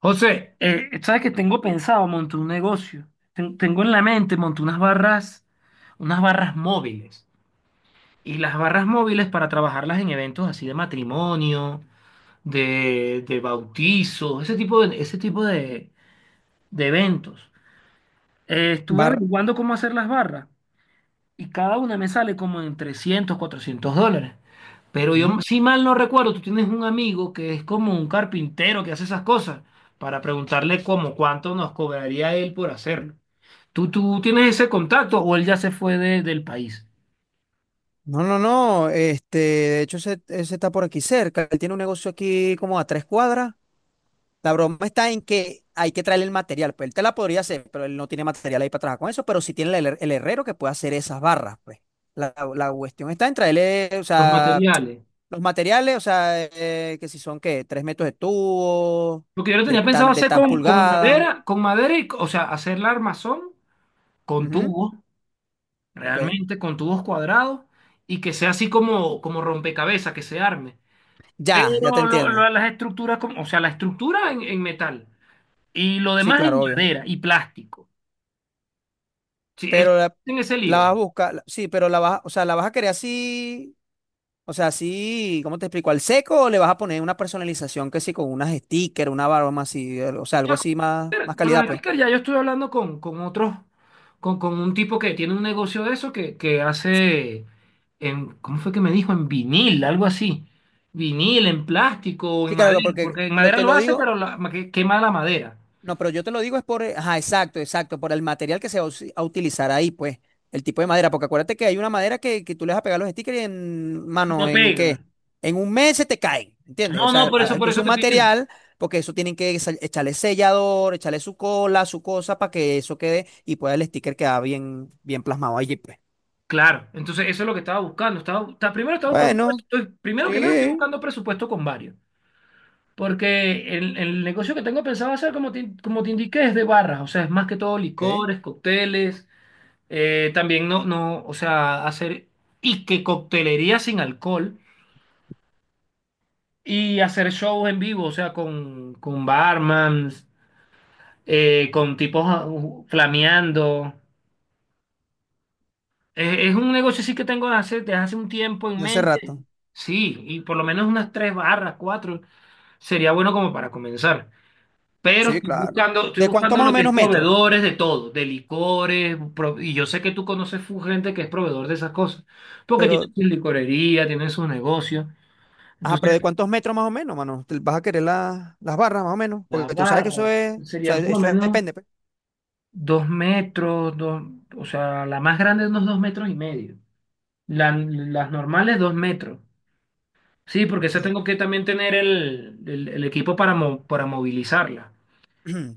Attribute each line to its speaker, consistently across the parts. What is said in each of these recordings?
Speaker 1: José, sabes que tengo pensado montar un negocio. Tengo en la mente montar unas barras móviles. Y las barras móviles para trabajarlas en eventos así de matrimonio, de bautizos, ese tipo de eventos. Estuve
Speaker 2: Bar.
Speaker 1: averiguando cómo hacer las barras y cada una me sale como en $300 $400. Pero yo,
Speaker 2: Ujú.
Speaker 1: si mal no recuerdo, tú tienes un amigo que es como un carpintero que hace esas cosas para preguntarle cómo, cuánto nos cobraría él por hacerlo. ¿Tú tienes ese contacto o él ya se fue del país?
Speaker 2: No, no, no. Este, de hecho, ese está por aquí cerca. Él tiene un negocio aquí como a tres cuadras. La broma está en que hay que traerle el material. Pues él te la podría hacer, pero él no tiene material ahí para trabajar con eso. Pero sí tiene el herrero que puede hacer esas barras, pues. La cuestión está en traerle, o
Speaker 1: Los
Speaker 2: sea,
Speaker 1: materiales.
Speaker 2: los materiales, o sea, que si son, ¿qué? Tres metros de tubo,
Speaker 1: Porque yo lo tenía pensado
Speaker 2: de
Speaker 1: hacer
Speaker 2: tan
Speaker 1: con
Speaker 2: pulgada.
Speaker 1: madera, con madera y, o sea, hacer la armazón con
Speaker 2: Ujú.
Speaker 1: tubos,
Speaker 2: Ok.
Speaker 1: realmente con tubos cuadrados y que sea así como, como rompecabezas, que se arme.
Speaker 2: Ya te
Speaker 1: Pero lo-
Speaker 2: entiendo.
Speaker 1: lo- las estructuras, como, o sea, la estructura en metal y lo
Speaker 2: Sí,
Speaker 1: demás en
Speaker 2: claro, obvio.
Speaker 1: madera y plástico. Sí,
Speaker 2: Pero la,
Speaker 1: en ese
Speaker 2: la
Speaker 1: lío.
Speaker 2: vas a buscar, sí, pero la vas, o sea, la vas a querer así, o sea, así, ¿cómo te explico? ¿Al seco o le vas a poner una personalización que sí, con unas stickers, una barba más así, o sea, algo
Speaker 1: Ya
Speaker 2: así
Speaker 1: con,
Speaker 2: más, más
Speaker 1: con
Speaker 2: calidad,
Speaker 1: los
Speaker 2: pues?
Speaker 1: stickers, ya yo estoy hablando con otros, con un tipo que tiene un negocio de eso que hace, en, ¿cómo fue que me dijo? En vinil, algo así. Vinil, en plástico, o
Speaker 2: Sí,
Speaker 1: en
Speaker 2: claro,
Speaker 1: madera,
Speaker 2: porque
Speaker 1: porque en
Speaker 2: lo,
Speaker 1: madera
Speaker 2: te
Speaker 1: lo
Speaker 2: lo
Speaker 1: hace,
Speaker 2: digo.
Speaker 1: pero quema la madera
Speaker 2: No, pero yo te lo digo es por, ajá, exacto, exacto, por el material que se va a a utilizar ahí, pues, el tipo de madera, porque acuérdate que hay una madera que tú le vas a pegar los stickers y en,
Speaker 1: y
Speaker 2: mano,
Speaker 1: no
Speaker 2: ¿en qué?
Speaker 1: pega.
Speaker 2: En un mes se te caen, ¿entiendes? O
Speaker 1: No, no,
Speaker 2: sea, hay
Speaker 1: por
Speaker 2: que usar
Speaker 1: eso
Speaker 2: un
Speaker 1: te estoy diciendo.
Speaker 2: material, porque eso tienen que echarle sellador, echarle su cola, su cosa, para que eso quede y pueda el sticker quedar bien, bien plasmado allí, pues.
Speaker 1: Claro, entonces eso es lo que estaba buscando. Primero estaba buscando,
Speaker 2: Bueno,
Speaker 1: primero que nada estoy
Speaker 2: sí,
Speaker 1: buscando presupuesto con varios, porque el negocio que tengo pensado hacer, como te indiqué, es de barras, o sea, es más que todo
Speaker 2: ok,
Speaker 1: licores, cócteles, también no, no, o sea, hacer y que coctelería sin alcohol y hacer shows en vivo, o sea, con barmans, con tipos flameando. Es un negocio sí que tengo desde hace un tiempo en
Speaker 2: de hace
Speaker 1: mente.
Speaker 2: rato.
Speaker 1: Sí, y por lo menos unas tres barras, cuatro, sería bueno como para comenzar. Pero
Speaker 2: Sí,
Speaker 1: estoy
Speaker 2: claro.
Speaker 1: buscando, estoy
Speaker 2: ¿De cuánto
Speaker 1: buscando
Speaker 2: más
Speaker 1: lo
Speaker 2: o
Speaker 1: que
Speaker 2: menos
Speaker 1: es
Speaker 2: metro?
Speaker 1: proveedores de todo, de licores, y yo sé que tú conoces gente que es proveedor de esas cosas, porque tienen
Speaker 2: Pero
Speaker 1: su licorería, tienen sus negocios.
Speaker 2: ajá,
Speaker 1: Entonces,
Speaker 2: pero ¿de cuántos metros más o menos, mano? ¿Te ¿Vas a querer las barras más o menos?
Speaker 1: la
Speaker 2: Porque tú sabes que eso
Speaker 1: barra
Speaker 2: es, o sea,
Speaker 1: serían por lo menos
Speaker 2: depende, pues.
Speaker 1: 2 metros, dos, o sea, la más grande unos 2,5 metros. Las normales, 2 metros. Sí, porque
Speaker 2: Ok.
Speaker 1: eso tengo que también tener el equipo para movilizarla.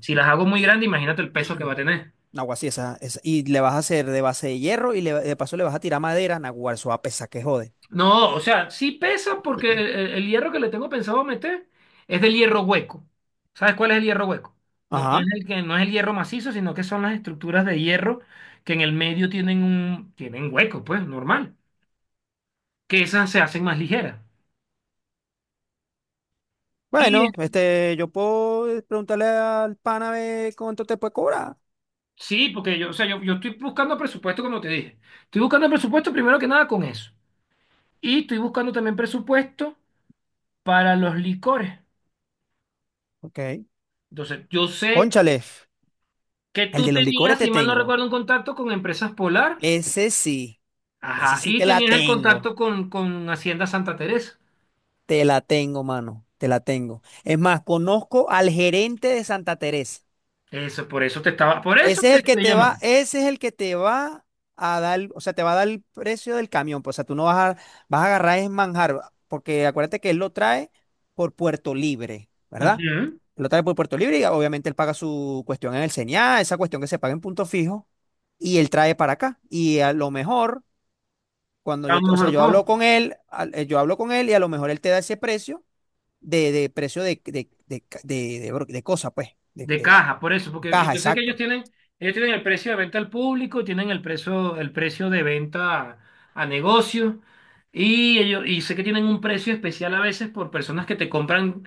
Speaker 1: Si las hago muy grandes, imagínate el peso que va a tener.
Speaker 2: Naguará, sí, Y le vas a hacer de base de hierro y de paso le vas a tirar madera, naguará, eso va a pesar que jode.
Speaker 1: No, o sea, sí pesa porque el, el- el hierro que le tengo pensado meter es del hierro hueco. ¿Sabes cuál es el hierro hueco? No, no es
Speaker 2: Ajá.
Speaker 1: el que, no es el hierro macizo, sino que son las estructuras de hierro que en el medio tienen hueco, pues, normal. Que esas se hacen más ligeras. Y
Speaker 2: Bueno, este, yo puedo preguntarle al pana a ver cuánto te puede cobrar.
Speaker 1: sí, porque yo, o sea, yo estoy buscando presupuesto, como te dije. Estoy buscando presupuesto primero que nada con eso. Y estoy buscando también presupuesto para los licores.
Speaker 2: Ok.
Speaker 1: Entonces, yo sé
Speaker 2: Cónchale,
Speaker 1: que
Speaker 2: el
Speaker 1: tú
Speaker 2: de los licores
Speaker 1: tenías,
Speaker 2: te
Speaker 1: si mal no
Speaker 2: tengo.
Speaker 1: recuerdo, un contacto con Empresas Polar.
Speaker 2: Ese sí, ese
Speaker 1: Ajá,
Speaker 2: sí
Speaker 1: y
Speaker 2: te la
Speaker 1: tenías el
Speaker 2: tengo.
Speaker 1: contacto con Hacienda Santa Teresa.
Speaker 2: Te la tengo, mano, te la tengo. Es más, conozco al gerente de Santa Teresa.
Speaker 1: Eso, por eso te estaba, por eso
Speaker 2: Ese es
Speaker 1: te
Speaker 2: el que
Speaker 1: estoy
Speaker 2: te va,
Speaker 1: llamando.
Speaker 2: ese es el que te va a dar, o sea, te va a dar el precio del camión. Pues, o sea, tú no vas a, vas a agarrar es manjar, porque acuérdate que él lo trae por Puerto Libre, ¿verdad?
Speaker 1: Ujú.
Speaker 2: Lo trae por Puerto Libre y obviamente él paga su cuestión en el señal, esa cuestión que se paga en punto fijo, y él trae para acá. Y a lo mejor, cuando
Speaker 1: A
Speaker 2: yo,
Speaker 1: un
Speaker 2: o sea,
Speaker 1: mejor
Speaker 2: yo hablo
Speaker 1: costo
Speaker 2: con él, yo hablo con él y a lo mejor él te da ese precio de precio de de cosa, pues,
Speaker 1: de caja, por eso,
Speaker 2: de
Speaker 1: porque
Speaker 2: caja,
Speaker 1: yo sé que
Speaker 2: exacto,
Speaker 1: ellos tienen el precio de venta al público, tienen el precio de venta a negocio, y sé que tienen un precio especial a veces por personas que te compran.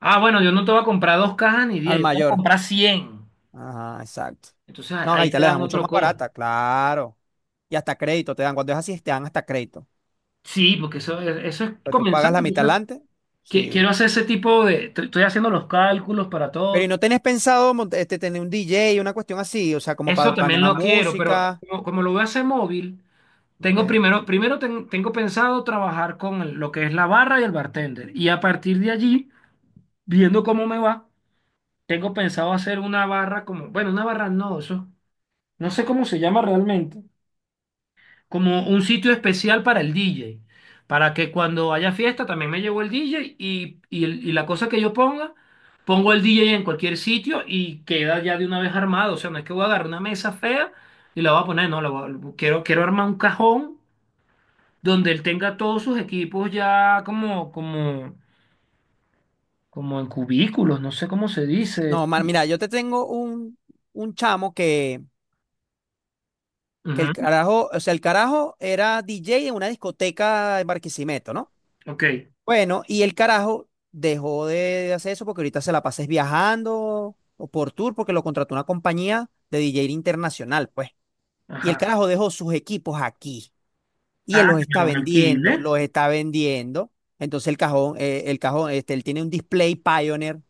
Speaker 1: Ah, bueno, yo no te voy a comprar dos cajas ni diez,
Speaker 2: al
Speaker 1: yo te voy a
Speaker 2: mayor.
Speaker 1: comprar cien.
Speaker 2: Ajá, exacto.
Speaker 1: Entonces
Speaker 2: No,
Speaker 1: ahí
Speaker 2: ahí te
Speaker 1: te
Speaker 2: la
Speaker 1: dan
Speaker 2: dejan mucho
Speaker 1: otro
Speaker 2: más
Speaker 1: costo.
Speaker 2: barata, claro. Y hasta crédito te dan, cuando es así, te dan hasta crédito.
Speaker 1: Sí, porque eso, eso es
Speaker 2: Pero tú pagas
Speaker 1: comenzando.
Speaker 2: la mitad
Speaker 1: Entonces,
Speaker 2: adelante,
Speaker 1: qui-
Speaker 2: sí.
Speaker 1: quiero hacer ese tipo de. Estoy haciendo los cálculos para
Speaker 2: Pero ¿y
Speaker 1: todo.
Speaker 2: no tenés pensado este, tener un DJ, una cuestión así? O sea, como
Speaker 1: Eso
Speaker 2: para
Speaker 1: también
Speaker 2: animar
Speaker 1: lo quiero, pero
Speaker 2: música.
Speaker 1: como lo voy a hacer móvil, tengo
Speaker 2: Ok.
Speaker 1: primero, primero ten- tengo pensado trabajar con lo que es la barra y el bartender. Y a partir de allí, viendo cómo me va, tengo pensado hacer una barra como. Bueno, una barra no, eso. No sé cómo se llama realmente. Como un sitio especial para el DJ, para que cuando haya fiesta también me llevo el DJ y la cosa que yo ponga, pongo el DJ en cualquier sitio y queda ya de una vez armado. O sea, no es que voy a agarrar una mesa fea y la voy a poner, no, quiero, quiero armar un cajón donde él tenga todos sus equipos ya como, como en cubículos, no sé cómo se dice.
Speaker 2: No, man, mira, yo te tengo un chamo que el
Speaker 1: Ujú,
Speaker 2: carajo, o sea, el carajo era DJ en una discoteca en Barquisimeto, ¿no?
Speaker 1: ok,
Speaker 2: Bueno, y el carajo dejó de hacer eso porque ahorita se la pases viajando o por tour porque lo contrató una compañía de DJ internacional, pues. Y el
Speaker 1: ajá.
Speaker 2: carajo dejó sus equipos aquí y
Speaker 1: Ah,
Speaker 2: él los
Speaker 1: que
Speaker 2: está
Speaker 1: me los
Speaker 2: vendiendo,
Speaker 1: alquile.
Speaker 2: los está vendiendo. Entonces el cajón, este, él tiene un display Pioneer,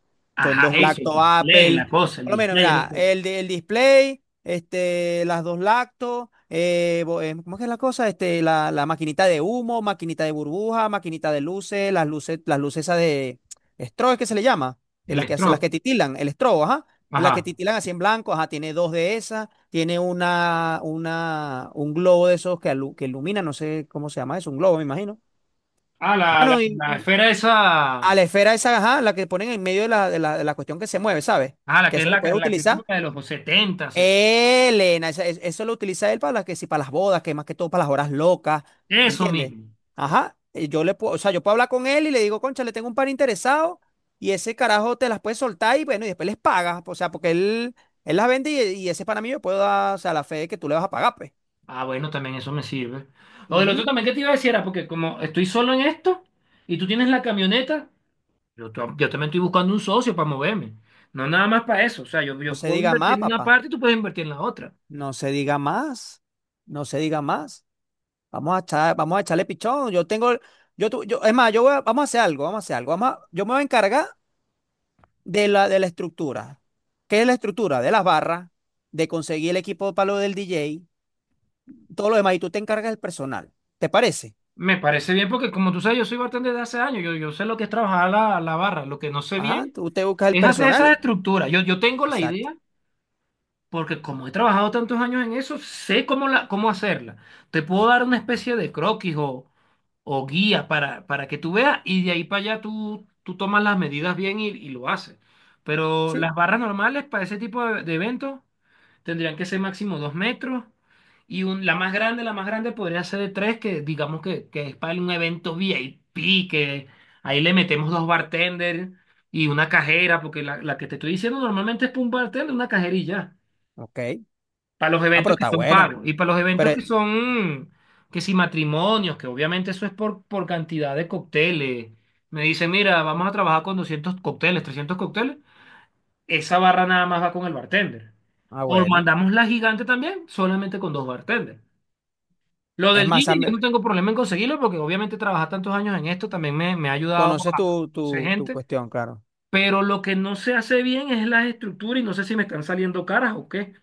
Speaker 2: son
Speaker 1: Ajá,
Speaker 2: dos
Speaker 1: eso, el
Speaker 2: lactos
Speaker 1: display,
Speaker 2: Apple,
Speaker 1: la cosa, el
Speaker 2: por lo menos,
Speaker 1: display, la
Speaker 2: mira,
Speaker 1: cosa.
Speaker 2: el, el display, este, las dos lactos, ¿cómo es que es la cosa? Este, la maquinita de humo, maquinita de burbuja, maquinita de luces, las luces, las luces esas de strobo, es que se le llama, que las
Speaker 1: El
Speaker 2: las
Speaker 1: strobe.
Speaker 2: que titilan, el strobo, ajá, en las que
Speaker 1: Ajá.
Speaker 2: titilan así en blanco, ajá, tiene dos de esas, tiene un globo de esos que ilumina, no sé cómo se llama eso, un globo, me imagino.
Speaker 1: Ah, la, la,
Speaker 2: Mano, y,
Speaker 1: la
Speaker 2: y
Speaker 1: esfera
Speaker 2: a
Speaker 1: esa.
Speaker 2: la esfera esa, ajá, la que ponen en medio de de la cuestión que se mueve, ¿sabes?
Speaker 1: Ah, la
Speaker 2: Que
Speaker 1: que es
Speaker 2: eso lo
Speaker 1: la,
Speaker 2: puedes
Speaker 1: la que es como
Speaker 2: utilizar.
Speaker 1: la de los 70, 60.
Speaker 2: Elena, eso lo utiliza él para las que sí, para las bodas, que más que todo para las horas locas, ¿me
Speaker 1: Eso
Speaker 2: entiendes?
Speaker 1: mismo.
Speaker 2: Ajá, y yo le puedo, o sea, yo puedo hablar con él y le digo, concha, le tengo un par interesado y ese carajo te las puede soltar y bueno, y después les pagas, o sea, porque él las vende y ese para mí yo puedo dar, o sea, la fe de que tú le vas a pagar, pues.
Speaker 1: Ah, bueno, también eso me sirve. Lo del otro
Speaker 2: Ujú.
Speaker 1: también que te iba a decir era porque como estoy solo en esto y tú tienes la camioneta, yo, yo también estoy buscando un socio para moverme. No nada más para eso. O sea, yo,
Speaker 2: No
Speaker 1: yo
Speaker 2: se
Speaker 1: puedo
Speaker 2: diga más,
Speaker 1: invertir en una
Speaker 2: papá.
Speaker 1: parte y tú puedes invertir en la otra.
Speaker 2: No se diga más. No se diga más. Vamos a echar, vamos a echarle pichón. Yo tengo, yo, es más, yo voy vamos a hacer algo, vamos a hacer algo. Yo me voy a encargar de la estructura. ¿Qué es la estructura? De las barras, de conseguir el equipo para lo del DJ, todo lo demás. Y tú te encargas del personal. ¿Te parece?
Speaker 1: Me parece bien porque como tú sabes, yo soy bartender de hace años. Yo sé lo que es trabajar la barra. Lo que no sé
Speaker 2: Ajá,
Speaker 1: bien
Speaker 2: tú te buscas el
Speaker 1: es hacer esas
Speaker 2: personal.
Speaker 1: estructuras. Yo tengo la
Speaker 2: Exacto.
Speaker 1: idea. Porque como he trabajado tantos años en eso, sé cómo, la, cómo hacerla. Te puedo dar una especie de croquis o guía para que tú veas y de ahí para allá tú tomas las medidas bien y lo haces. Pero las
Speaker 2: Sí,
Speaker 1: barras normales para ese tipo de eventos tendrían que ser máximo 2 metros y la más grande podría ser de tres, que digamos que es para un evento VIP, que ahí le metemos dos bartenders y una cajera, porque la que te estoy diciendo normalmente es para un bartender, una cajerilla.
Speaker 2: ok.
Speaker 1: Para los
Speaker 2: Ah, pero
Speaker 1: eventos que
Speaker 2: está
Speaker 1: son
Speaker 2: bueno.
Speaker 1: pagos y para los eventos
Speaker 2: Pero,
Speaker 1: que son, que si matrimonios, que obviamente eso es por cantidad de cócteles. Me dice, mira, vamos a trabajar con 200 cócteles, 300 cócteles. Esa barra nada más va con el bartender.
Speaker 2: ah,
Speaker 1: O
Speaker 2: bueno.
Speaker 1: mandamos la gigante también, solamente con dos bartenders. Lo
Speaker 2: Es
Speaker 1: del
Speaker 2: más,
Speaker 1: DJ
Speaker 2: Sammy,
Speaker 1: yo no tengo problema en conseguirlo porque obviamente trabajar tantos años en esto también me ha ayudado
Speaker 2: conoces
Speaker 1: a
Speaker 2: tu,
Speaker 1: ser
Speaker 2: tu, tu
Speaker 1: gente.
Speaker 2: cuestión, claro.
Speaker 1: Pero lo que no se hace bien es la estructura y no sé si me están saliendo caras o qué.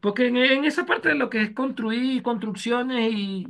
Speaker 1: Porque en esa parte de lo que es construir, construcciones y...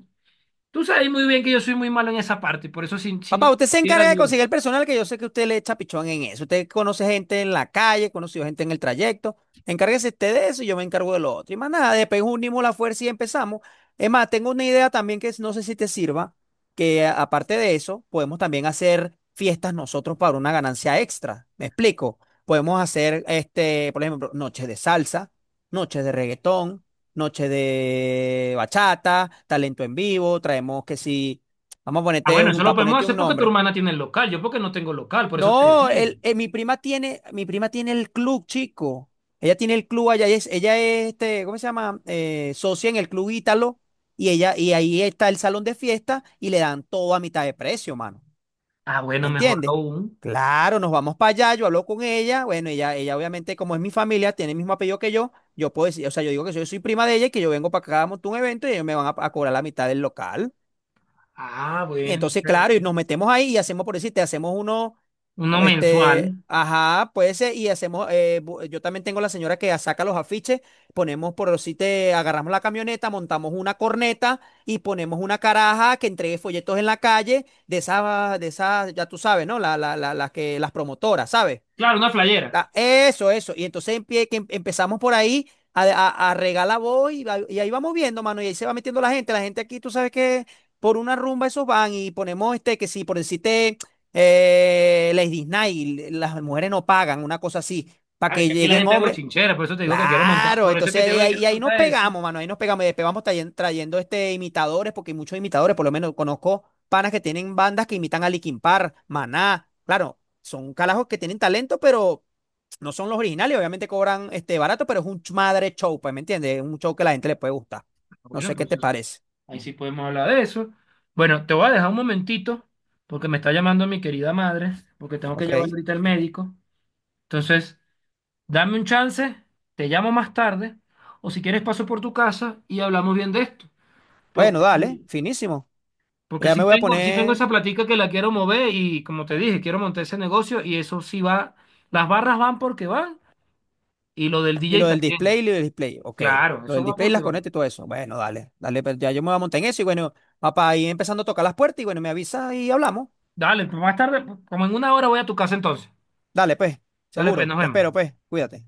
Speaker 1: Tú sabes muy bien que yo soy muy malo en esa parte, por eso si no
Speaker 2: Papá,
Speaker 1: te
Speaker 2: usted se
Speaker 1: quisiera
Speaker 2: encarga de
Speaker 1: ayuda.
Speaker 2: conseguir el personal que yo sé que usted le echa pichón en eso. Usted conoce gente en la calle, conoció gente en el trayecto. Encárguese usted de eso y yo me encargo de lo otro. Y más nada, después unimos la fuerza y empezamos. Es más, tengo una idea también que no sé si te sirva, que aparte de eso, podemos también hacer fiestas nosotros para una ganancia extra. ¿Me explico? Podemos hacer, este, por ejemplo, noches de salsa, noches de reggaetón, noches de bachata, talento en vivo, traemos que sí. Vamos a
Speaker 1: Ah,
Speaker 2: ponerte
Speaker 1: bueno, eso
Speaker 2: un,
Speaker 1: lo
Speaker 2: para
Speaker 1: podemos
Speaker 2: ponerte
Speaker 1: hacer
Speaker 2: un
Speaker 1: porque tu
Speaker 2: nombre.
Speaker 1: hermana tiene el local, yo porque no tengo local, por eso te
Speaker 2: No,
Speaker 1: decía.
Speaker 2: mi prima tiene el club, chico. Ella tiene el club allá, ella es este, ¿cómo se llama? Socia en el club Ítalo, y ella, y ahí está el salón de fiesta, y le dan todo a mitad de precio, mano.
Speaker 1: Ah,
Speaker 2: ¿Me
Speaker 1: bueno, mejor
Speaker 2: entiendes?
Speaker 1: aún.
Speaker 2: Claro, nos vamos para allá, yo hablo con ella, bueno, ella obviamente, como es mi familia, tiene el mismo apellido que yo puedo decir, o sea, yo digo que yo soy prima de ella y que yo vengo para acá, monto un evento y ellos me van a cobrar la mitad del local.
Speaker 1: Ah,
Speaker 2: Y
Speaker 1: bueno,
Speaker 2: entonces,
Speaker 1: entonces,
Speaker 2: claro, y nos metemos ahí y hacemos, por decirte, hacemos uno,
Speaker 1: uno
Speaker 2: este,
Speaker 1: mensual.
Speaker 2: ajá, puede ser, y hacemos, yo también tengo la señora que saca los afiches, ponemos, por decirte, agarramos la camioneta, montamos una corneta y ponemos una caraja que entregue folletos en la calle de esas, ya tú sabes, ¿no? Las las promotoras, ¿sabes?
Speaker 1: Claro, una flayera.
Speaker 2: Ah, eso, eso. Y entonces empezamos por ahí a regalar voz y ahí vamos viendo, mano. Y ahí se va metiendo la gente. La gente aquí, tú sabes que por una rumba esos van y ponemos este, que sí, por decirte, Lady Night, las mujeres no pagan, una cosa así, para
Speaker 1: Claro, es
Speaker 2: que
Speaker 1: que aquí la
Speaker 2: lleguen
Speaker 1: gente es
Speaker 2: hombres.
Speaker 1: bochinchera, por eso te digo que quiero montar,
Speaker 2: Claro,
Speaker 1: por eso es
Speaker 2: entonces
Speaker 1: que te
Speaker 2: ahí,
Speaker 1: digo que quiero
Speaker 2: ahí nos
Speaker 1: montar eso.
Speaker 2: pegamos, mano. Ahí nos pegamos y despegamos trayendo, trayendo este, imitadores, porque hay muchos imitadores, por lo menos conozco panas que tienen bandas que imitan a Linkin Park, Maná. Claro, son carajos que tienen talento, pero. No son los originales, obviamente cobran este barato, pero es un madre show, pues, ¿me entiendes? Es un show que a la gente le puede gustar.
Speaker 1: Ah,
Speaker 2: No
Speaker 1: bueno,
Speaker 2: sé
Speaker 1: por
Speaker 2: qué te
Speaker 1: eso.
Speaker 2: parece.
Speaker 1: Ahí sí podemos hablar de eso. Bueno, te voy a dejar un momentito porque me está llamando mi querida madre, porque tengo que
Speaker 2: Ok.
Speaker 1: llevar ahorita al médico. Entonces, dame un chance, te llamo más tarde, o si quieres paso por tu casa y hablamos bien de esto. Porque,
Speaker 2: Bueno, dale,
Speaker 1: sí-
Speaker 2: finísimo.
Speaker 1: porque
Speaker 2: Ya me
Speaker 1: sí
Speaker 2: voy a
Speaker 1: tengo, sí tengo
Speaker 2: poner.
Speaker 1: esa platica que la quiero mover y como te dije, quiero montar ese negocio y eso sí va, las barras van porque van y lo del
Speaker 2: Y lo
Speaker 1: DJ
Speaker 2: del display,
Speaker 1: también.
Speaker 2: y lo del display. Ok.
Speaker 1: Claro,
Speaker 2: Lo
Speaker 1: eso
Speaker 2: del
Speaker 1: va
Speaker 2: display,
Speaker 1: porque
Speaker 2: las
Speaker 1: va.
Speaker 2: conectas y todo eso. Bueno, dale, dale, pues, ya yo me voy a montar en eso. Y bueno, papá, ahí empezando a tocar las puertas. Y bueno, me avisa y hablamos.
Speaker 1: Dale, pues más tarde, como en una hora voy a tu casa entonces.
Speaker 2: Dale, pues,
Speaker 1: Dale, pues
Speaker 2: seguro.
Speaker 1: nos
Speaker 2: Te espero,
Speaker 1: vemos.
Speaker 2: pues. Cuídate.